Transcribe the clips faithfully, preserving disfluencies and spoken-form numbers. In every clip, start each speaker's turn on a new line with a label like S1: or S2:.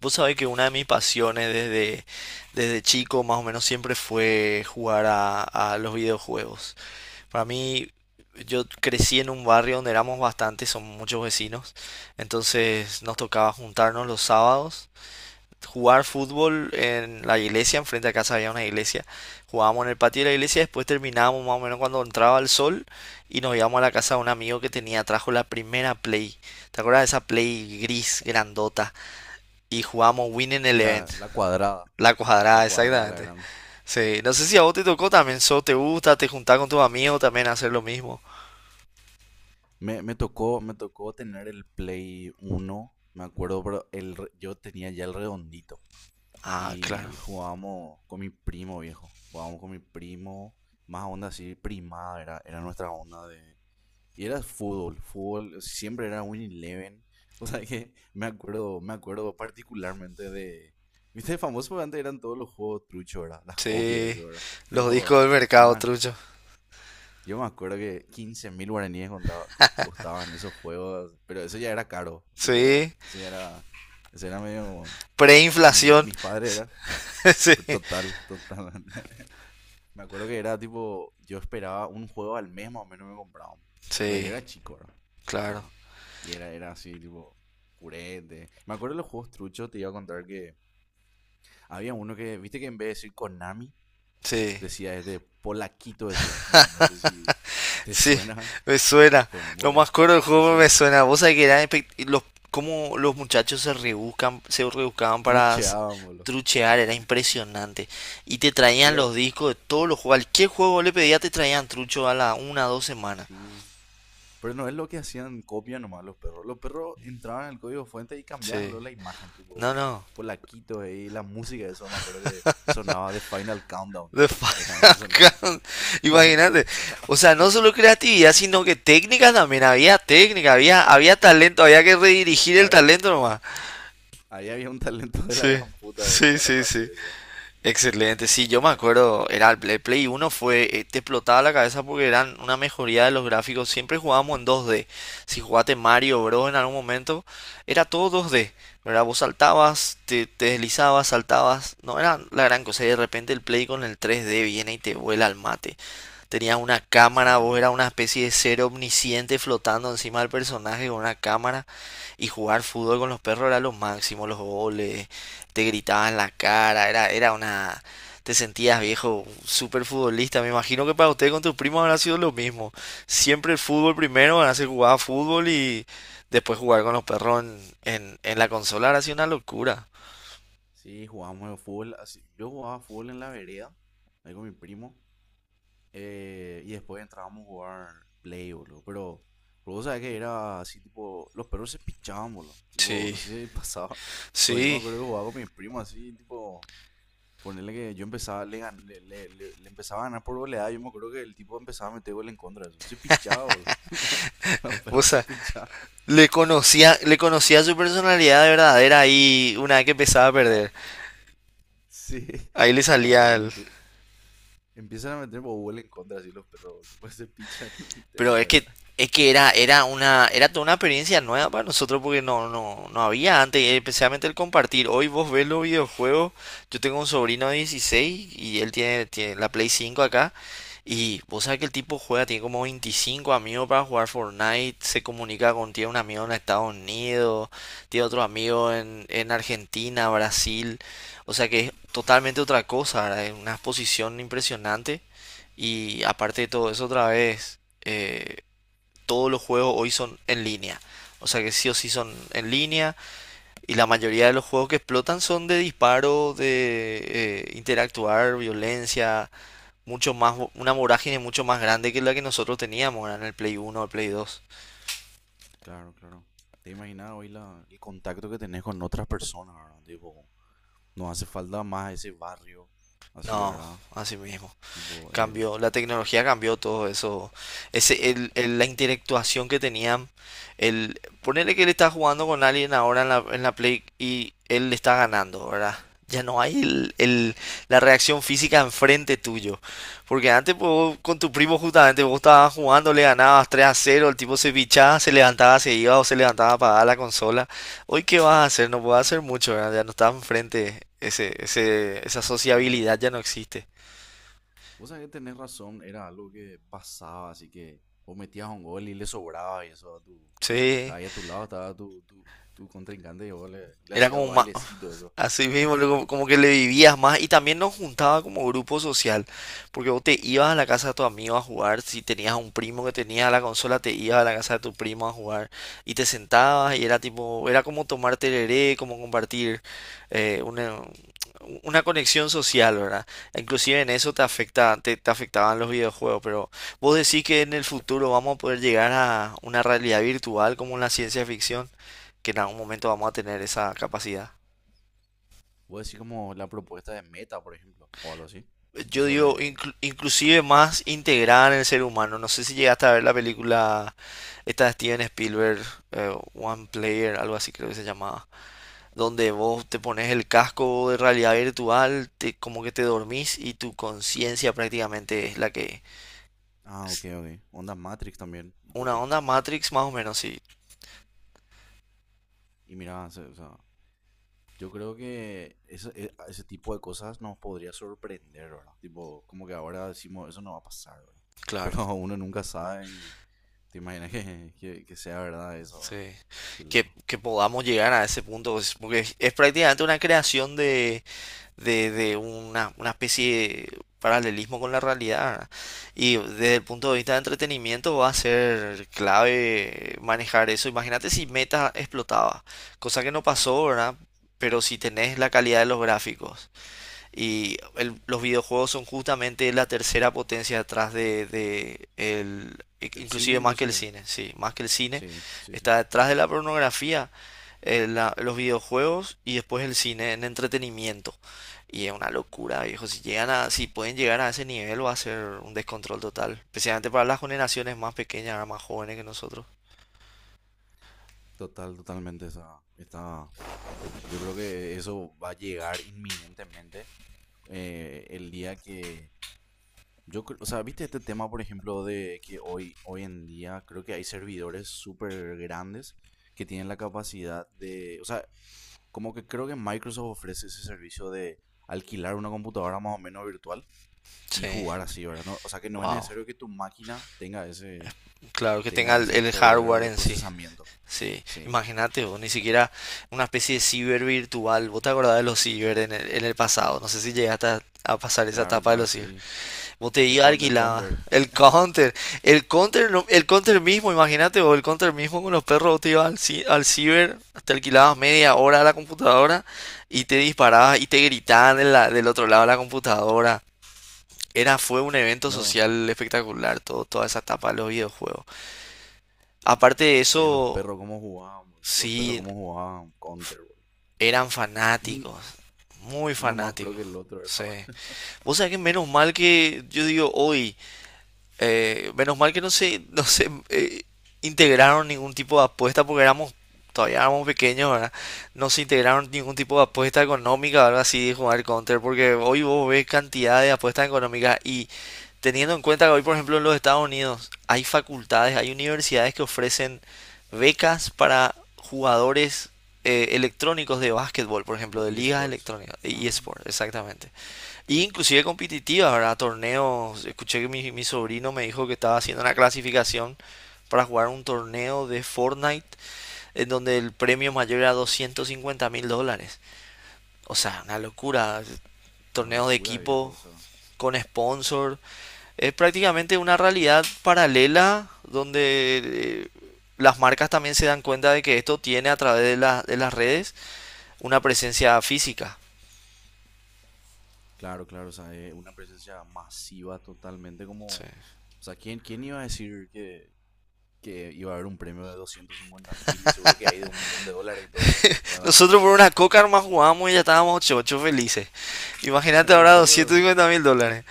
S1: Vos sabés que una de mis pasiones desde, desde chico más o menos siempre fue jugar a, a los videojuegos. Para mí, yo crecí en un barrio donde éramos bastantes, son muchos vecinos, entonces nos tocaba juntarnos los sábados, jugar fútbol en la iglesia, enfrente a casa había una iglesia, jugábamos en el patio de la iglesia, después terminábamos más o menos cuando entraba el sol y nos íbamos a la casa de un amigo que tenía, trajo la primera Play, ¿te acuerdas de esa Play gris grandota? Y jugábamos Winning
S2: Sí,
S1: Eleven.
S2: la, la cuadrada.
S1: La
S2: La
S1: cuadrada,
S2: cuadrada, la
S1: exactamente.
S2: grande.
S1: Sí, no sé si a vos te tocó también, so, te gusta, te juntás con tus amigos también a hacer lo mismo.
S2: Me, me tocó, me tocó tener el Play uno, me acuerdo, pero el, re- yo tenía ya el redondito.
S1: Ah, claro.
S2: Y jugábamos con mi primo, viejo. Jugábamos con mi primo, más onda así, primada, era, era nuestra onda de... Y era fútbol, fútbol, siempre era un Eleven. O sea que me acuerdo, me acuerdo particularmente de... ¿Viste? Famoso porque antes eran todos los juegos truchos, ¿verdad? Las copias,
S1: Sí,
S2: eso, ¿verdad?
S1: los
S2: Tipo,
S1: discos del mercado,
S2: man,
S1: trucho.
S2: yo me acuerdo que quince mil guaraníes contaba- co- costaban esos juegos, pero eso ya era caro, tipo,
S1: Sí,
S2: eso ya era, eso era medio, como- mi-
S1: preinflación.
S2: mis padres era,
S1: Sí,
S2: pero total, total. Me acuerdo que era tipo, yo esperaba un juego al mes más o menos me compraban, porque yo
S1: sí,
S2: era chico, ¿verdad?
S1: claro.
S2: Tipo, y era, era así, tipo, purete. Me acuerdo de los juegos truchos, te iba a contar que había uno que, viste que en vez de decir Konami,
S1: Sí.
S2: decía, es de Polaquito, decía. No, no sé si te
S1: Sí,
S2: suena,
S1: me
S2: te,
S1: suena.
S2: te
S1: Lo
S2: muero,
S1: más coro del
S2: te
S1: juego me
S2: suena.
S1: suena. Vos sabés que eran espe- y los, cómo los muchachos se rebuscan, se rebuscaban para s-
S2: Trucheaban, boludo.
S1: truchear, era impresionante. Y te traían
S2: Pero
S1: los discos de todos los juegos. Cualquier juego vos le pedía te traían trucho a la una o dos semanas.
S2: sí, pero no es lo que hacían copia nomás los perros. Los perros entraban en el código fuente y cambiaban
S1: Sí.
S2: luego la imagen, tipo
S1: No, no.
S2: Polaquito, eh, y la música, de eso me acuerdo que sonaba de Final Countdown.
S1: The
S2: Era
S1: Final
S2: que sonaba
S1: Count.
S2: cuando
S1: Imagínate.
S2: empezaba.
S1: O sea, no solo creatividad, sino que técnicas también. Había técnica, había, había talento, había que redirigir el talento nomás.
S2: Ahí había un talento de la
S1: Sí,
S2: gran puta,
S1: sí,
S2: boludo,
S1: sí,
S2: para
S1: sí.
S2: hacer eso.
S1: Excelente, sí, yo me
S2: Era,
S1: acuerdo, era el Play, Play uno fue, eh, te explotaba la cabeza porque eran una mejoría de los gráficos, siempre jugábamos en dos D, si jugaste Mario Bros en algún momento, era todo dos D, ¿verdad? Vos saltabas, te, te deslizabas, saltabas, no era la gran cosa, y de repente el Play con el tres D viene y te vuela al mate, tenías una cámara, vos
S2: sí.
S1: eras una especie de ser omnisciente flotando encima del personaje con una cámara, y jugar fútbol con los perros era lo máximo, los goles, te gritaban la cara. era, era una... Te sentías viejo, súper futbolista. Me imagino que para usted con tus primos habrá sido lo mismo. Siempre el fútbol primero, van a hacer jugar a fútbol y después jugar con los perros en, en, en la consola habrá sido una locura.
S2: Sí, jugábamos al fútbol. Así, yo jugaba fútbol en la vereda, ahí con mi primo. Eh, y después entrábamos a jugar play, boludo. Pero, pero vos sabés que era así, tipo, los perros se pichaban, boludo. Tipo,
S1: Sí,
S2: no sé si pasaba. Pero yo me
S1: sí.
S2: acuerdo que jugaba con mi primo así, tipo, ponerle que yo empezaba, le, gan- le, le- le- le empezaba a ganar por goleada. Yo me acuerdo que el tipo empezaba a meter gol en contra de eso. Se pichaba, boludo. Los
S1: O
S2: perros se
S1: sea,
S2: pichaban.
S1: le conocía, le conocía su personalidad de verdadera ahí una vez que empezaba a
S2: Ah,
S1: perder.
S2: sí.
S1: Ahí le salía
S2: Ahí
S1: el.
S2: empie- Empiezan a meter Bobol en contra así los perros, boludo. Pues se pichan, te
S1: Pero es
S2: muera.
S1: que es que era, era una, era toda una experiencia nueva para nosotros porque no, no, no había antes, y especialmente el compartir. Hoy vos ves los videojuegos, yo tengo un sobrino de dieciséis y él tiene, tiene la Play cinco acá. Y vos sabés que el tipo juega, tiene como veinticinco amigos para jugar Fortnite, se comunica con, tiene un amigo en Estados Unidos, tiene otro amigo en, en Argentina, Brasil. O sea que es totalmente otra cosa, ¿verdad? Es una exposición impresionante. Y aparte de todo eso, otra vez, eh, todos los juegos hoy son en línea. O sea que sí o sí son en línea. Y la mayoría de los juegos que explotan son de disparo, de eh, interactuar, violencia. Mucho más, una vorágine mucho más grande que la que nosotros teníamos, ¿verdad?, en el Play uno o el Play dos.
S2: Claro, claro. Te imaginas hoy la, el contacto que tenés con otras personas, ¿verdad? Tipo, no hace falta más ese barrio. Así,
S1: No,
S2: ¿verdad?
S1: así mismo.
S2: Tipo,
S1: Cambió,
S2: es.
S1: la tecnología cambió todo eso. Ese, el, el- la interactuación que tenían. El, ponerle que él está jugando con alguien ahora en la, en la Play y él le está ganando, ¿verdad? Ya no hay el, el- la reacción física enfrente tuyo. Porque antes pues, vos con tu primo justamente vos estabas jugando, le ganabas tres a cero, el tipo se pichaba, se levantaba, se iba o se levantaba a apagar la consola. Hoy qué vas a hacer, no puedes hacer
S2: Claro.
S1: mucho, ¿verdad? Ya no está enfrente, ese, ese, esa sociabilidad ya
S2: No.
S1: no existe.
S2: Vos sabés que tenés razón, era algo que pasaba, así que vos metías un gol y le sobraba y eso a tu.
S1: Sí.
S2: Ahí a tu lado estaba tu, tu, tu contrincante y vos le, le
S1: Era
S2: hacías
S1: como más,
S2: bailecito, eso.
S1: así mismo, luego como que le vivías más y también nos juntaba como grupo social, porque vos te ibas a la casa de tu amigo a jugar, si tenías un primo que tenía la consola, te ibas a la casa de tu primo a jugar y te sentabas y era tipo, era como tomar tereré, como compartir eh, una, una conexión social, ¿verdad? Inclusive en eso te afecta, te, te afectaban los videojuegos, pero vos decís que en el futuro vamos a poder llegar a una realidad virtual como en la ciencia ficción, que en algún momento vamos a tener esa capacidad.
S2: Voy a decir como la propuesta de Meta, por ejemplo, o algo así.
S1: Yo
S2: Eso
S1: digo,
S2: de...
S1: inclu- inclusive más integrada en el ser humano. No sé si llegaste a ver la película esta de Steven Spielberg, eh, One Player, algo así creo que se llamaba, donde vos te pones el casco de realidad virtual, te- como que te dormís y tu conciencia prácticamente es la que...
S2: Ah, ok, ok. Ondas Matrix también, un
S1: Una
S2: poco.
S1: onda Matrix más o menos, sí,
S2: Y mira, se- o sea, yo creo que ese, e- ese tipo de cosas nos podría sorprender, ¿verdad? Tipo, como que ahora decimos, eso no va a pasar, ¿verdad?
S1: claro.
S2: Pero uno nunca sabe y te imaginas que, que, que sea verdad eso, ¿verdad?
S1: Sí.
S2: Qué
S1: Que,
S2: loco.
S1: que podamos llegar a ese punto, pues, porque es es prácticamente una creación de de, de una, una especie de paralelismo con la realidad. Y desde el punto de vista de entretenimiento va a ser clave manejar eso. Imagínate si Meta explotaba, cosa que no pasó, ¿verdad? Pero si tenés la calidad de los gráficos y el- los videojuegos son justamente la tercera potencia detrás de, de el,
S2: El cine
S1: inclusive más que el
S2: inclusive.
S1: cine, sí, más que el cine,
S2: Sí, sí, sí.
S1: está detrás de la pornografía, eh, la- los videojuegos y después el cine en entretenimiento. Y es una locura, viejo. Si llegan a, si pueden llegar a ese nivel, va a ser un descontrol total. Especialmente para las generaciones más pequeñas, más jóvenes que nosotros.
S2: Total, totalmente. Está, está, yo creo que eso va a llegar inminentemente, eh, el día que... Yo, cre- o sea, viste este tema, por ejemplo, de que hoy, hoy en día creo que hay servidores súper grandes que tienen la capacidad de... O sea, como que creo que Microsoft ofrece ese servicio de alquilar una computadora más o menos virtual y
S1: Sí,
S2: jugar así, ¿verdad? No- o sea, que no es
S1: wow.
S2: necesario que tu máquina tenga ese,
S1: Claro que tenga
S2: tenga
S1: el,
S2: ese
S1: el
S2: poder
S1: hardware
S2: de
S1: en sí.
S2: procesamiento.
S1: Sí,
S2: Sí,
S1: imagínate vos, ni siquiera una especie de ciber virtual. ¿Vos te acordás de los ciber en el, en el pasado? No sé si llegaste a, a pasar esa
S2: claro,
S1: etapa de
S2: claro,
S1: los ciber.
S2: sí.
S1: Vos te
S2: Del,
S1: ibas
S2: con- del
S1: alquilaba
S2: Counter.
S1: el counter, el counter, no- el counter mismo, imagínate vos, el counter mismo con los perros, vos te ibas al, ci- al ciber, te alquilabas media hora a la computadora y te disparabas y te gritaban de la- del otro lado de la computadora. Era, fue un evento
S2: No,
S1: social espectacular, todo, toda esa etapa de los videojuegos. Aparte de
S2: che, los
S1: eso,
S2: perros cómo jugaban, boludo. Los perros
S1: sí.
S2: cómo jugaban Counter, boludo.
S1: Eran fanáticos, muy
S2: Uno más pro
S1: fanáticos.
S2: que el otro,
S1: Sí.
S2: ¿verdad?
S1: Vos sabés que menos mal que yo digo hoy, eh, menos mal que no se, no se eh, integraron ningún tipo de apuesta porque éramos todavía éramos pequeños, ¿verdad? No se integraron ningún tipo de apuesta económica, o algo así de jugar Counter, porque hoy vos ves cantidad de apuestas económicas y teniendo en cuenta que hoy, por ejemplo, en los Estados Unidos hay facultades, hay universidades que ofrecen becas para jugadores eh, electrónicos de básquetbol, por ejemplo,
S2: Tipo
S1: de ligas
S2: eSports.
S1: electrónicas, de
S2: Ajá.
S1: eSport, exactamente. Y inclusive competitivas, ¿verdad? Torneos. Escuché que mi, mi sobrino me dijo que estaba haciendo una clasificación para jugar un torneo de Fortnite en donde el premio mayor era doscientos cincuenta mil dólares. O sea, una locura.
S2: Una
S1: Torneos de
S2: locura, viejo.
S1: equipo
S2: O sea,
S1: con sponsor. Es prácticamente una realidad paralela donde eh, las marcas también se dan cuenta de que esto tiene a través de, la- de las redes una presencia física.
S2: claro, claro. O sea, es una presencia masiva totalmente como...
S1: Sí.
S2: O sea, ¿quién, quién iba a decir que, que iba a haber un premio de doscientos cincuenta mil y seguro que hay de un millón de dólares y todo, ¿verdad?
S1: Nosotros por una coca nomás jugábamos y ya estábamos ocho ocho felices. Imagínate
S2: Para los
S1: ahora
S2: perros,
S1: doscientos cincuenta mil dólares.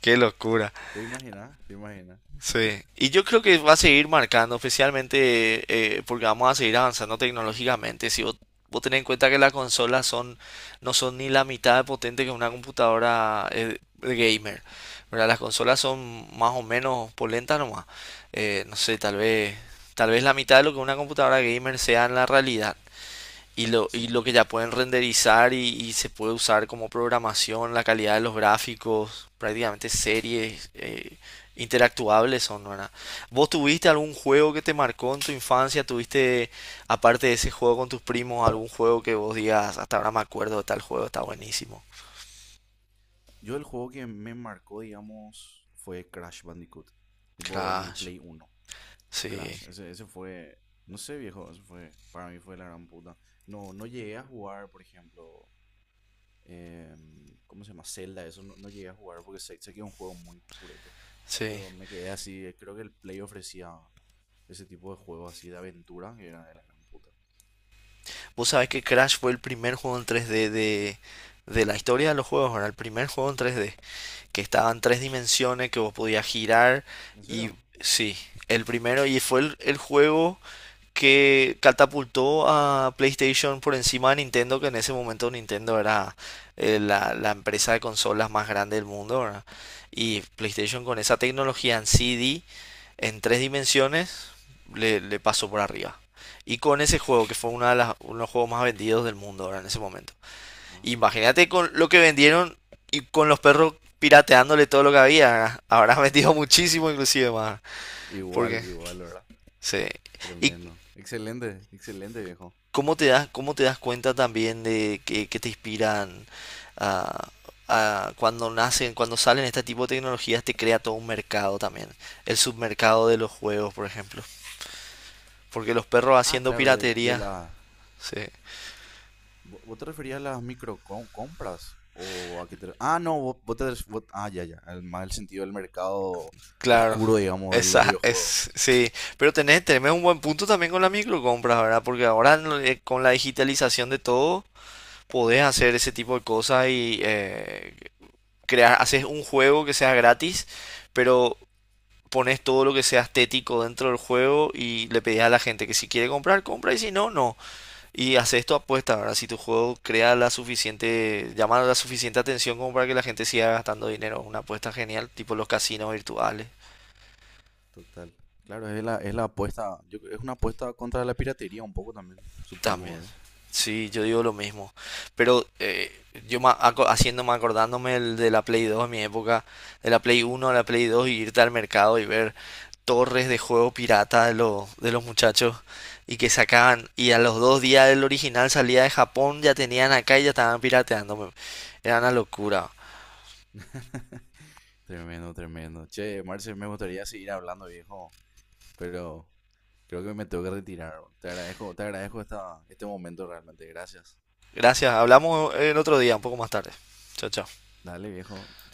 S1: Qué locura.
S2: ¿te imaginas? ¿Te imaginas?
S1: Sí. Y yo creo que va a seguir marcando, especialmente eh, porque vamos a seguir avanzando tecnológicamente. Si vos, vos tenés en cuenta que las consolas son, no son ni la mitad de potente que una computadora eh, de gamer, ¿verdad? Las consolas son más o menos polentas nomás. Eh, no sé, tal vez, tal vez la mitad de lo que una computadora gamer sea en la realidad. Y lo, y lo
S2: Sí.
S1: que ya pueden renderizar y, y se puede usar como programación, la calidad de los gráficos, prácticamente series eh, interactuables son, ¿verdad? ¿Vos tuviste algún juego que te marcó en tu infancia? ¿Tuviste, aparte de ese juego con tus primos, algún juego que vos digas, hasta ahora me acuerdo de tal juego, está buenísimo?
S2: Yo el juego que me marcó, digamos, fue Crash Bandicoot. Tipo, en el
S1: Crash,
S2: Play uno,
S1: sí,
S2: Crash, ese, ese fue, no sé, viejo, eso fue, para mí fue la gran puta. No, no llegué a jugar, por ejemplo, em, ¿cómo se llama? Zelda, eso no, no llegué a jugar porque sé, sé que es un juego muy purete.
S1: sí.
S2: Pero me quedé así, eh, creo que el Play ofrecía ese tipo de juego así de aventura que era de la gran puta.
S1: Vos sabés que Crash fue el primer juego en tres D de, de la historia de los juegos, ¿verdad? El primer juego en tres D, que estaba en tres dimensiones, que vos podías girar
S2: ¿En
S1: y
S2: serio?
S1: sí, el primero y fue el, el juego que catapultó a PlayStation por encima de Nintendo, que en ese momento Nintendo era eh, la, la empresa de consolas más grande del mundo, ¿verdad? Y PlayStation con esa tecnología en tres D en tres dimensiones, le, le pasó por arriba. Y con ese juego, que fue una de las, uno de los juegos más vendidos del mundo ahora en ese momento.
S2: Ah, mira.
S1: Imagínate con lo que vendieron y con los perros pirateándole todo lo que había. Habrás vendido muchísimo inclusive más.
S2: Igual,
S1: Porque,
S2: igual, ¿verdad?
S1: sí. ¿Y
S2: Tremendo. Excelente, excelente, viejo.
S1: cómo te das, cómo te das cuenta también de que, que te inspiran a, a cuando nacen, cuando salen este tipo de tecnologías, te crea todo un mercado también? El submercado de los juegos, por ejemplo. Porque los perros
S2: Ah,
S1: haciendo
S2: claro, de, de
S1: piratería,
S2: la,
S1: sí.
S2: ¿Vo- ¿Vos te referías a las microcompras? ¿O a qué te... Ah, no, vos, vos te... ref- vos- Ah, ya, ya. El, más el sentido del mercado
S1: Claro,
S2: oscuro, digamos, de los
S1: esa es,
S2: videojuegos.
S1: sí, pero tenés, tenés un buen punto también con la microcompras, ¿verdad? Porque ahora en eh, con la digitalización de todo, podés hacer ese tipo de cosas y eh, crear, haces un juego que sea gratis, pero pones todo lo que sea estético dentro del juego y le pedís a la gente que si quiere comprar, compra y si no, no. Y haces tu apuesta, ¿verdad? Si tu juego crea la suficiente, llama la suficiente atención como para que la gente siga gastando dinero, una apuesta genial, tipo los casinos virtuales.
S2: Total. Claro, es la, es la apuesta. Yo, creo- es una apuesta contra la piratería un poco también, supongo,
S1: También.
S2: ¿verdad?
S1: Sí, yo digo lo mismo. Pero eh, yo ma- aco- haciéndome, acordándome el de la Play dos en mi época, de la Play uno a la Play dos, y irte al mercado y ver torres de juego pirata de, los de los muchachos y que sacaban. Y a los dos días el original salía de Japón, ya tenían acá y ya estaban pirateando. me- Era una locura.
S2: Tremendo, tremendo. Che, Marce, me gustaría seguir hablando, viejo, pero creo que me tengo que retirar. Te agradezco, te agradezco esta, este momento realmente. Gracias.
S1: Gracias, hablamos eh, el otro día, un poco más tarde. Chao, chao.
S2: Dale, viejo.